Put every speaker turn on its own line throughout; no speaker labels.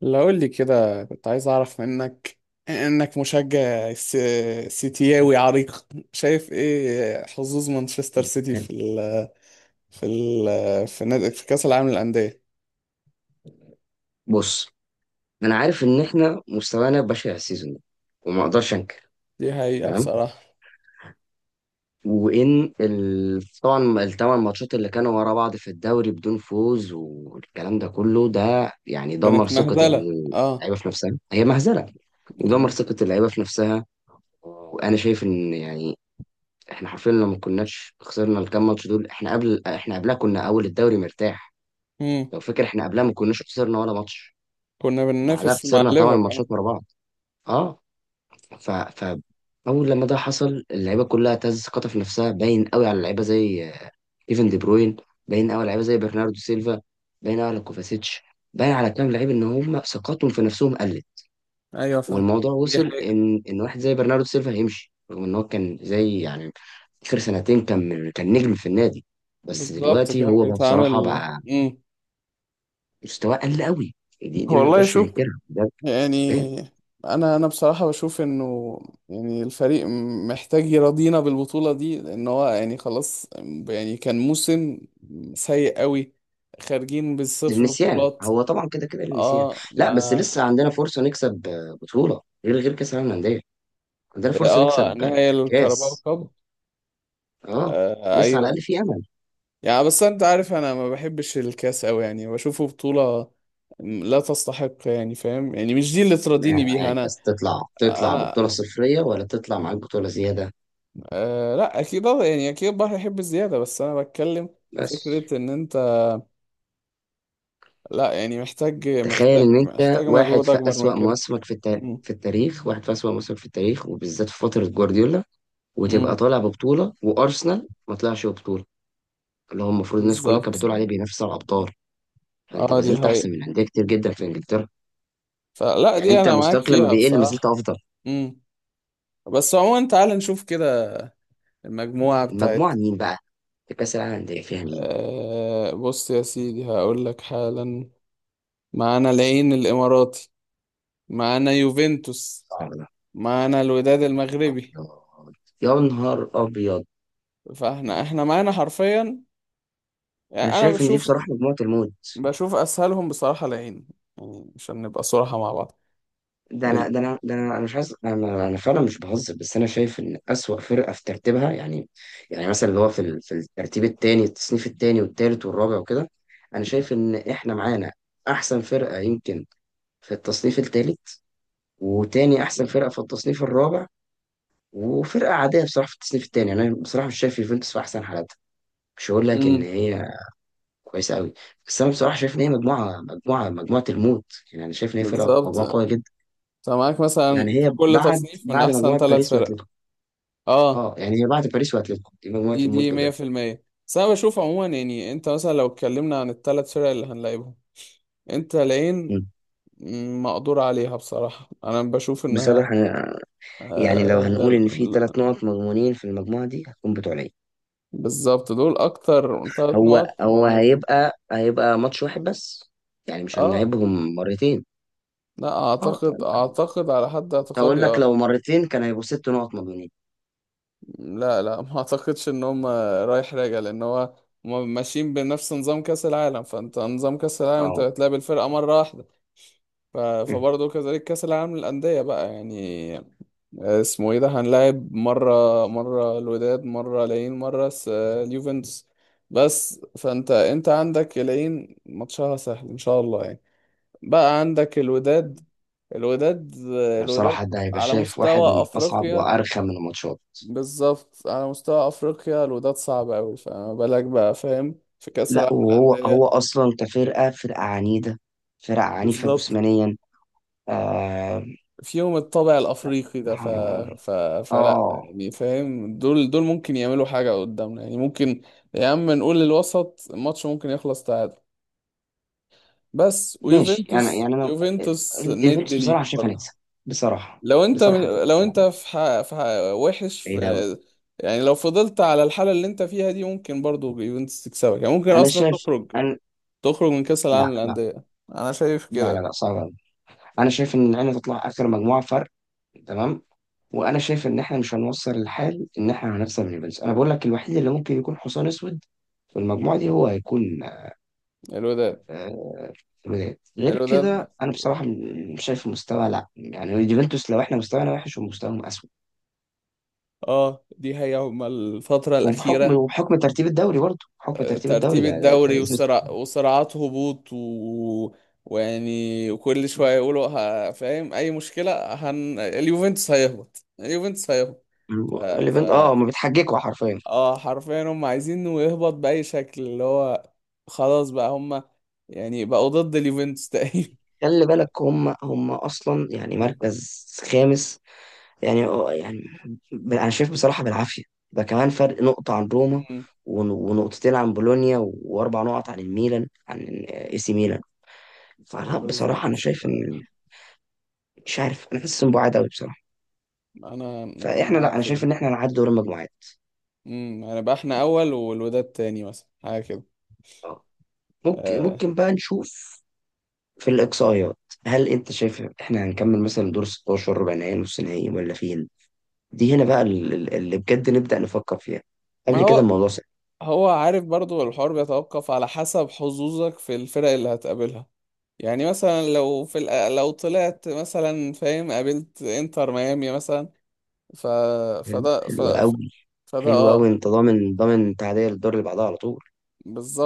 لو قول لي كده كنت عايز اعرف منك انك مشجع سيتياوي عريق. شايف ايه حظوظ مانشستر سيتي في نادي في كأس العالم للأندية؟
بص، انا عارف ان احنا مستوانا بشع السيزون ده وما اقدرش انكر.
دي حقيقة
تمام.
بصراحة.
وان طبعا الـ8 ماتشات اللي كانوا ورا بعض في الدوري بدون فوز والكلام ده كله ده يعني دمر
كانت
ثقة
مهزلة، اه.
اللعيبة في نفسها، هي مهزلة. ودمر ثقة اللعيبة في نفسها. وانا شايف ان يعني احنا حرفيا لو ما كناش خسرنا الكام ماتش دول، احنا قبلها كنا اول الدوري مرتاح.
امم
لو فاكر احنا قبلها ما كناش خسرنا ولا ماتش.
كنا
بعدها
بننافس مع
خسرنا ثمان
الليفر،
ماتشات
اه.
ورا بعض. اه. ف اول لما ده حصل، اللعيبه كلها تهز ثقتها في نفسها. باين قوي على اللعيبه زي كيفن دي بروين. باين قوي على لعيبه زي برناردو سيلفا. باين قوي على كوفاسيتش. باين على كام لعيب ان هم ثقتهم في نفسهم قلت.
ايوه فاهم.
والموضوع
دي
وصل
حقيقة
ان واحد زي برناردو سيلفا هيمشي، رغم ان هو كان زي يعني اخر سنتين كان نجم في النادي. بس
بالظبط.
دلوقتي
كان
هو بقى بصراحه،
بيتعامل.
بقى
امم
مستواه قل قوي. دي ما
والله
نقدرش
شوف،
ننكرها ده. باين.
يعني انا بصراحه بشوف انه يعني الفريق محتاج يرضينا بالبطوله دي، لان هو يعني خلاص. يعني كان موسم سيء قوي، خارجين بالصفر
للنسيان.
بطولات.
هو طبعا كده كده للنسيان.
اه
لا، بس
ما.
لسه عندنا فرصة نكسب بطولة غير كأس العالم للأندية. عندنا فرصة
اه،
نكسب
نهائي الكاراباو
كأس.
كاب.
اه.
آه
لسه على
ايوه.
الأقل في أمل.
يعني بس انت عارف انا ما بحبش الكاس قوي، يعني بشوفه بطوله لا تستحق، يعني فاهم، يعني مش دي اللي ترضيني بيها
معاك.
انا.
بس تطلع
انا
ببطولة صفرية ولا تطلع معاك بطولة زيادة؟
أه لا اكيد، اه، يعني اكيد البحر يحب الزياده، بس انا بتكلم
بس.
فكره ان انت لا يعني محتاج
تخيل
محتاج
إن أنت
محتاج
واحد
مجهود
في
اكبر من
أسوأ
كده.
مواسمك في
مم.
في التاريخ. واحد في أسوأ مواسمك في التاريخ، وبالذات في فترة جوارديولا، وتبقى
مم.
طالع ببطولة وأرسنال ما طلعش ببطولة. اللي هو المفروض الناس كلها كانت
بالظبط،
بتقول عليه بينافس على الأبطال. فأنت
اه.
ما
دي
زلت أحسن
حقيقة،
من أندية كتير جدا في إنجلترا.
فلا
يعني
دي
انت
انا معاك
مستواك لما
فيها
بيقل ما زلت
بصراحه.
افضل.
مم. بس عموما تعال نشوف كده المجموعه بتاعت.
المجموعه مين بقى؟ في كاس العالم الانديه فيها مين؟
أه بص يا سيدي هقول لك حالا. معانا العين الاماراتي، معانا يوفنتوس،
صعب.
معانا الوداد المغربي.
يا نهار ابيض، يا نهار ابيض.
فاحنا معانا حرفيا،
انا
يعني انا
شايف ان دي
بشوف.
بصراحه مجموعه الموت.
بشوف اسهلهم بصراحه العين، يعني عشان نبقى صراحه مع بعض.
ده
ال-
انا ده انا ده انا انا مش عايز، انا فعلا مش بهزر. بس انا شايف ان اسوأ فرقه في ترتيبها يعني. يعني مثلا اللي هو في الترتيب الثاني، التصنيف الثاني والثالث والرابع وكده. انا شايف ان احنا معانا احسن فرقه يمكن في التصنيف الثالث. وتاني احسن فرقه في التصنيف الرابع. وفرقه عاديه بصراحه في التصنيف الثاني. يعني انا بصراحه مش شايف يوفنتوس في احسن حالاتها. مش هقول لك ان
امم.
هي كويسه قوي. بس انا بصراحه شايف ان هي مجموعه الموت. يعني انا شايف ان هي فرقه
بالظبط،
مجموعه قويه جدا.
انت معاك
يعني
مثلا في
هي
كل
بعد
تصنيف من
بعد
احسن
مجموعه
ثلاث
باريس
فرق.
واتلتيكو.
اه،
اه، يعني هي بعد باريس واتلتيكو، دي مجموعه
دي
الموت بجد.
100%. بس انا بشوف عموما، يعني انت مثلا لو اتكلمنا عن الثلاث فرق اللي هنلاعبهم، انت العين.
مم.
مم، مقدور عليها بصراحه، انا بشوف انها.
بصراحة أنا- يعني لو
آه
هنقول إن في
ال-
3 نقط مضمونين في المجموعة دي، هتكون بتوع العين.
بالظبط، دول اكتر ثلاث
هو
نقط
هو
مضمونين.
هيبقى ماتش واحد بس. يعني مش
اه
هنلعبهم مرتين.
لا
اه،
اعتقد،
فاهم.
اعتقد على حد
كنت هقول
اعتقادي،
لك
اه.
لو مرتين كان هيبقوا 6 نقط مضمونين.
لا لا، ما اعتقدش ان هم رايح راجع، لان هو هم ماشيين بنفس نظام كاس العالم، فانت نظام كاس العالم انت
اه.
بتلعب الفرقه مره واحده. فبرضه كذلك كاس العالم للانديه بقى، يعني آه، اسمه ايه ده، هنلاعب مره. مره الوداد، مره العين، اليوفنتوس. بس فانت انت عندك العين ماتشها سهل ان شاء الله، يعني. بقى عندك الوداد. الوداد، آه،
أنا
الوداد.
بصراحة ده هيبقى
على
شايف واحد
مستوى
من أصعب
افريقيا.
وأرخم من الماتشات.
بالظبط، على مستوى افريقيا الوداد صعب قوي، فما بالك بقى، فاهم، في كاس
لا،
العالم
وهو
للانديه.
هو أصلا كفرقة، فرقة عنيدة. فرقة عنيفة
بالظبط.
جسمانيا. آه,
فيهم الطابع الافريقي ده. ف... فلا
آه،
يعني فاهم، دول ممكن يعملوا حاجه قدامنا، يعني ممكن. يا عم نقول للوسط الماتش ممكن يخلص تعادل. بس
ماشي، يعني
ويوفنتوس،
يعني أنا.
يوفنتوس ند
الإيفنتس بصراحة
ليك
شايف
برضه.
هنكسب بصراحة.
لو انت،
بصراحة هتكسب.
لو
لا،
انت
لا،
في ح... في ح... وحش في،
بعيد أوي.
يعني لو فضلت على الحاله اللي انت فيها دي ممكن برضه يوفنتوس تكسبك، يعني ممكن
أنا
اصلا
شايف،
تخرج،
أنا
تخرج من كأس العالم
لا، لا،
للأندية. أنا شايف
لا،
كده.
لا، لا، صعب أوي. أنا شايف إن العين تطلع آخر مجموعة فرق. تمام. وانا شايف ان احنا مش هنوصل الحال ان احنا هنخسر من البنز. انا بقول لك الوحيد اللي ممكن يكون حصان اسود في المجموعه دي هو هيكون
الوداد،
الوداد. غير كده
الوداد،
انا بصراحه مش شايف المستوى. لا يعني اليوفنتوس لو احنا مستوانا وحش ومستواهم اسود.
اه دي هي هما الفترة
وبحكم
الأخيرة.
وبحكم ترتيب الدوري، برضه بحكم
آه،
ترتيب الدوري،
ترتيب
ده
الدوري
يثبت.
والصراع، وصراعات هبوط، ويعني، وكل شوية يقولوا فاهم أي مشكلة اليوفنتوس هيهبط، اليوفنتوس هيهبط. ف... ف...
الايفنت، اه، ما بتحججوا حرفيا.
اه حرفيا هم عايزينه يهبط بأي شكل، اللي هو خلاص بقى هم، يعني بقوا ضد اليوفنتوس تقريبا.
خلي بالك هم اصلا يعني
مم.
مركز خامس. يعني، يعني، انا شايف بصراحه بالعافيه. ده كمان فرق نقطه عن روما.
مم.
ونقطتين عن بولونيا، واربع نقط عن الميلان، عن AC ميلان. فلا بصراحه انا
بالظبط،
شايف ان... مش عارف، انا حاسس ان بعاد قوي بصراحه.
انا
فاحنا، لا،
معاك
انا
في
شايف
دي.
ان احنا نعدي دور المجموعات.
امم، هنبقى احنا اول والوداد تاني مثلا، حاجه كده.
آه. ممكن
آه.
ممكن بقى نشوف في الاقصائيات. هل انت شايف احنا هنكمل مثلا دور 16، ربع نهائي، نص نهائي، ولا فين؟ دي هنا بقى اللي بجد نبدا نفكر فيها.
ما
قبل كده
هو.
الموضوع سهل.
هو عارف برضو الحوار بيتوقف على حسب حظوظك في الفرق اللي هتقابلها. يعني مثلا لو طلعت مثلا فاهم قابلت انتر ميامي مثلا، ف
حلو،
فده ف...
حلو
ف-
قوي.
فده
حلو قوي،
اه.
انت ضامن، ضامن تعدية للدور اللي بعدها على طول.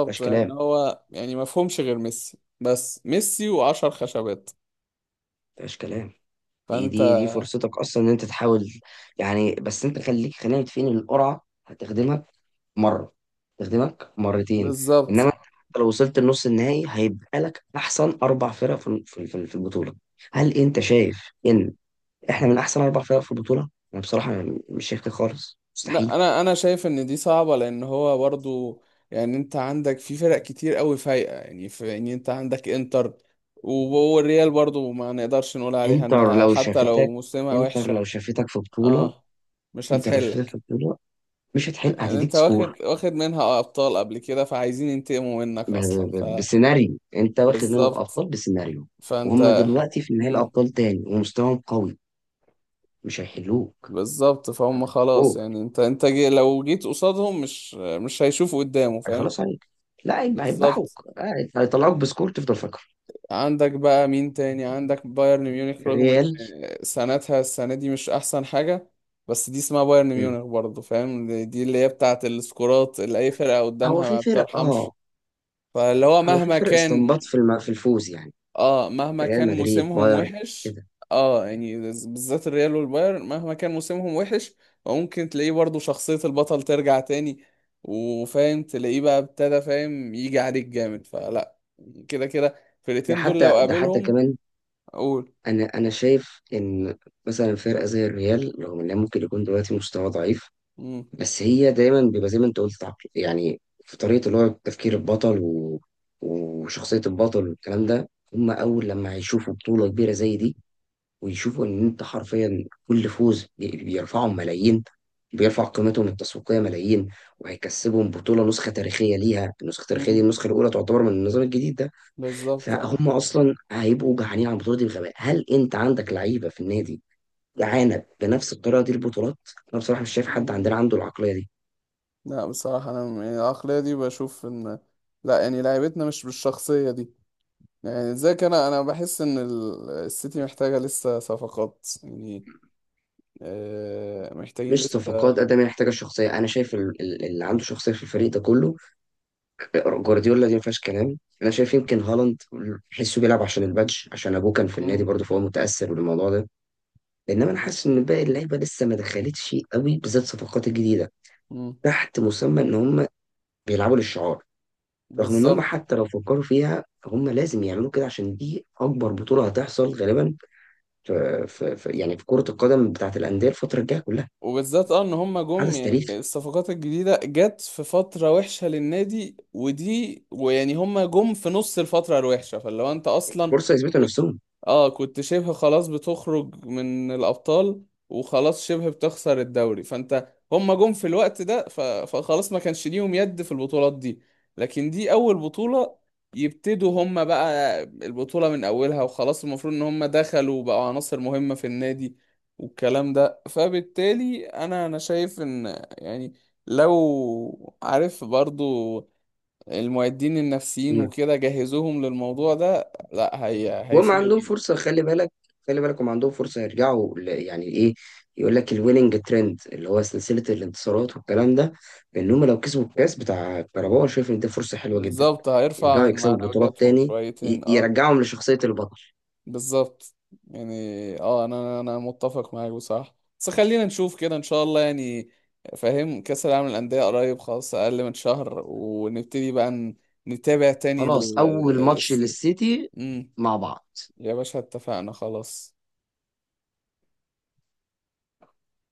مفيهاش
ان
كلام،
هو يعني مفهومش غير ميسي، بس ميسي وعشر خشبات.
مفيهاش كلام. دي
فانت،
دي دي فرصتك اصلا ان انت تحاول. يعني بس انت خلينا متفقين ان القرعه هتخدمك مره، تخدمك مرتين. انما
بالظبط.
انت حتى لو وصلت لنص النهائي هيبقى لك احسن 4 فرق في البطوله. هل انت شايف ان احنا من احسن 4 فرق في البطوله؟ انا بصراحه مش شايف كده خالص.
لا
مستحيل.
انا، شايف ان دي صعبه، لان هو برضو، يعني انت عندك في فرق كتير قوي فايقه، يعني في، يعني انت عندك انتر، والريال برضو ما نقدرش نقول عليها
انتر
انها
لو
حتى لو
شافتك
موسمها
انتر
وحشه.
لو شافتك في بطوله.
اه مش
انتر لو شافتك
هتحلك.
في بطوله مش هتحل،
يعني انت
هتديك
واخد،
سكور.
منها ابطال قبل كده، فعايزين ينتقموا منك اصلا، ف
بسيناريو انت واخد منهم
بالظبط.
ابطال، بسيناريو.
فانت،
وهم دلوقتي في نهائي
مم.
الابطال تاني ومستواهم قوي. مش هيحلوك.
بالظبط، فهم
هتديك
خلاص،
سكور،
يعني انت جي، لو جيت قصادهم مش مش هيشوفوا قدامه، فاهم.
هيخلص عليك. لا،
بالظبط.
هيذبحوك، هيطلعوك بسكور تفضل فاكره.
عندك بقى مين تاني؟ عندك بايرن ميونخ، رغم ان
الريال.
سنتها السنة دي مش احسن حاجة، بس دي اسمها بايرن
مم.
ميونخ برضه، فاهم، دي اللي هي بتاعة السكورات اللي اي فرقة
هو
قدامها
في
ما
فرق، اه.
بترحمش. فاللي هو
هو في
مهما
فرق استنباط
كان،
في الفوز يعني.
اه مهما
ريال
كان
مدريد،
موسمهم
بايرن،
وحش،
كده.
اه يعني بالذات الريال والبايرن مهما كان موسمهم وحش. وممكن تلاقيه برضه شخصية البطل ترجع تاني، وفاهم تلاقيه بقى ابتدى فاهم يجي عليك جامد، فلا، كده كده
ده
الفرقتين دول لو
حتى، ده حتى
قابلهم.
كمان.
قول.
انا شايف ان مثلا فرقه زي الريال، رغم انها ممكن يكون دلوقتي مستوى ضعيف.
مم.
بس هي دايما بيبقى زي ما انت قلت يعني في طريقة اللي هو تفكير البطل و... وشخصية البطل والكلام ده، هم أول لما هيشوفوا بطولة كبيرة زي دي. ويشوفوا إن أنت حرفيا كل فوز بيرفعهم ملايين. بيرفع قيمتهم التسويقية ملايين. وهيكسبهم بطولة نسخة تاريخية ليها. النسخة التاريخية دي،
مم.
النسخة الأولى، تعتبر من النظام الجديد ده.
بالظبط، اه.
فهم أصلا هيبقوا جعانين على البطولة دي بغباء. هل أنت عندك لعيبة في النادي جعانة بنفس الطريقة دي البطولات؟ أنا بصراحة مش شايف حد
مم.
عندنا عنده العقلية دي.
لا بصراحة، يعني العقلية دي بشوف إن، لا يعني لعيبتنا مش بالشخصية دي، يعني ازيك، أنا بحس إن السيتي محتاجة لسه صفقات، يعني آه محتاجين
مش
لسه.
صفقات قد ما هي محتاجه شخصيه. انا شايف اللي عنده شخصيه في الفريق ده كله. جوارديولا، دي ما فيهاش كلام. انا شايف يمكن هالاند حسه بيلعب عشان البادج، عشان ابوه كان في النادي
مم.
برضه، فهو متاثر بالموضوع ده. انما انا حاسس ان باقي اللعيبه لسه ما دخلتش قوي، بالذات الصفقات الجديده.
مم.
تحت مسمى ان هم بيلعبوا للشعار. رغم ان هم
بالظبط.
حتى لو فكروا فيها، هم لازم يعملوا كده عشان دي اكبر بطوله هتحصل غالبا. يعني في كره القدم بتاعت الانديه الفتره الجايه كلها.
وبالذات اه ان هم جم،
حدث
يعني
تاريخي،
الصفقات الجديده جت في فتره وحشه للنادي، ودي ويعني هم جم في نص الفتره الوحشه، فلو انت اصلا
فرصه يثبتوا
كنت،
نفسهم.
اه كنت شبه خلاص بتخرج من الابطال، وخلاص شبه بتخسر الدوري، فانت هم جم في الوقت ده، فخلاص ما كانش ليهم يد في البطولات دي. لكن دي اول بطوله يبتدوا هم بقى البطوله من اولها، وخلاص المفروض ان هم دخلوا وبقوا عناصر مهمه في النادي، والكلام ده. فبالتالي انا شايف ان يعني، لو عارف برضو المعدين النفسيين وكده جهزوهم للموضوع ده، لا هي
وهم
هيفرقوا
عندهم
جدا.
فرصة، خلي بالك، خلي بالك هم عندهم فرصة يرجعوا يعني ايه؟ يقول لك الويننج ترند، اللي هو سلسلة الانتصارات والكلام ده. ان هم لو كسبوا الكاس بتاع كاراباو، أنا شايف ان دي فرصة حلوة جدا.
بالظبط، هيرفع
يرجعوا
من
يكسبوا بطولات
معنوياتهم
تاني.
شويتين، اه.
يرجعهم لشخصية البطل.
بالظبط، يعني اه انا متفق معاك بصراحة، بس خلينا نشوف كده ان شاء الله، يعني فاهم كأس العالم للأندية قريب خلاص، اقل من شهر ونبتدي بقى نتابع تاني
خلاص، اول ماتش للسيتي،
مم.
مع بعض.
يا باشا اتفقنا خلاص.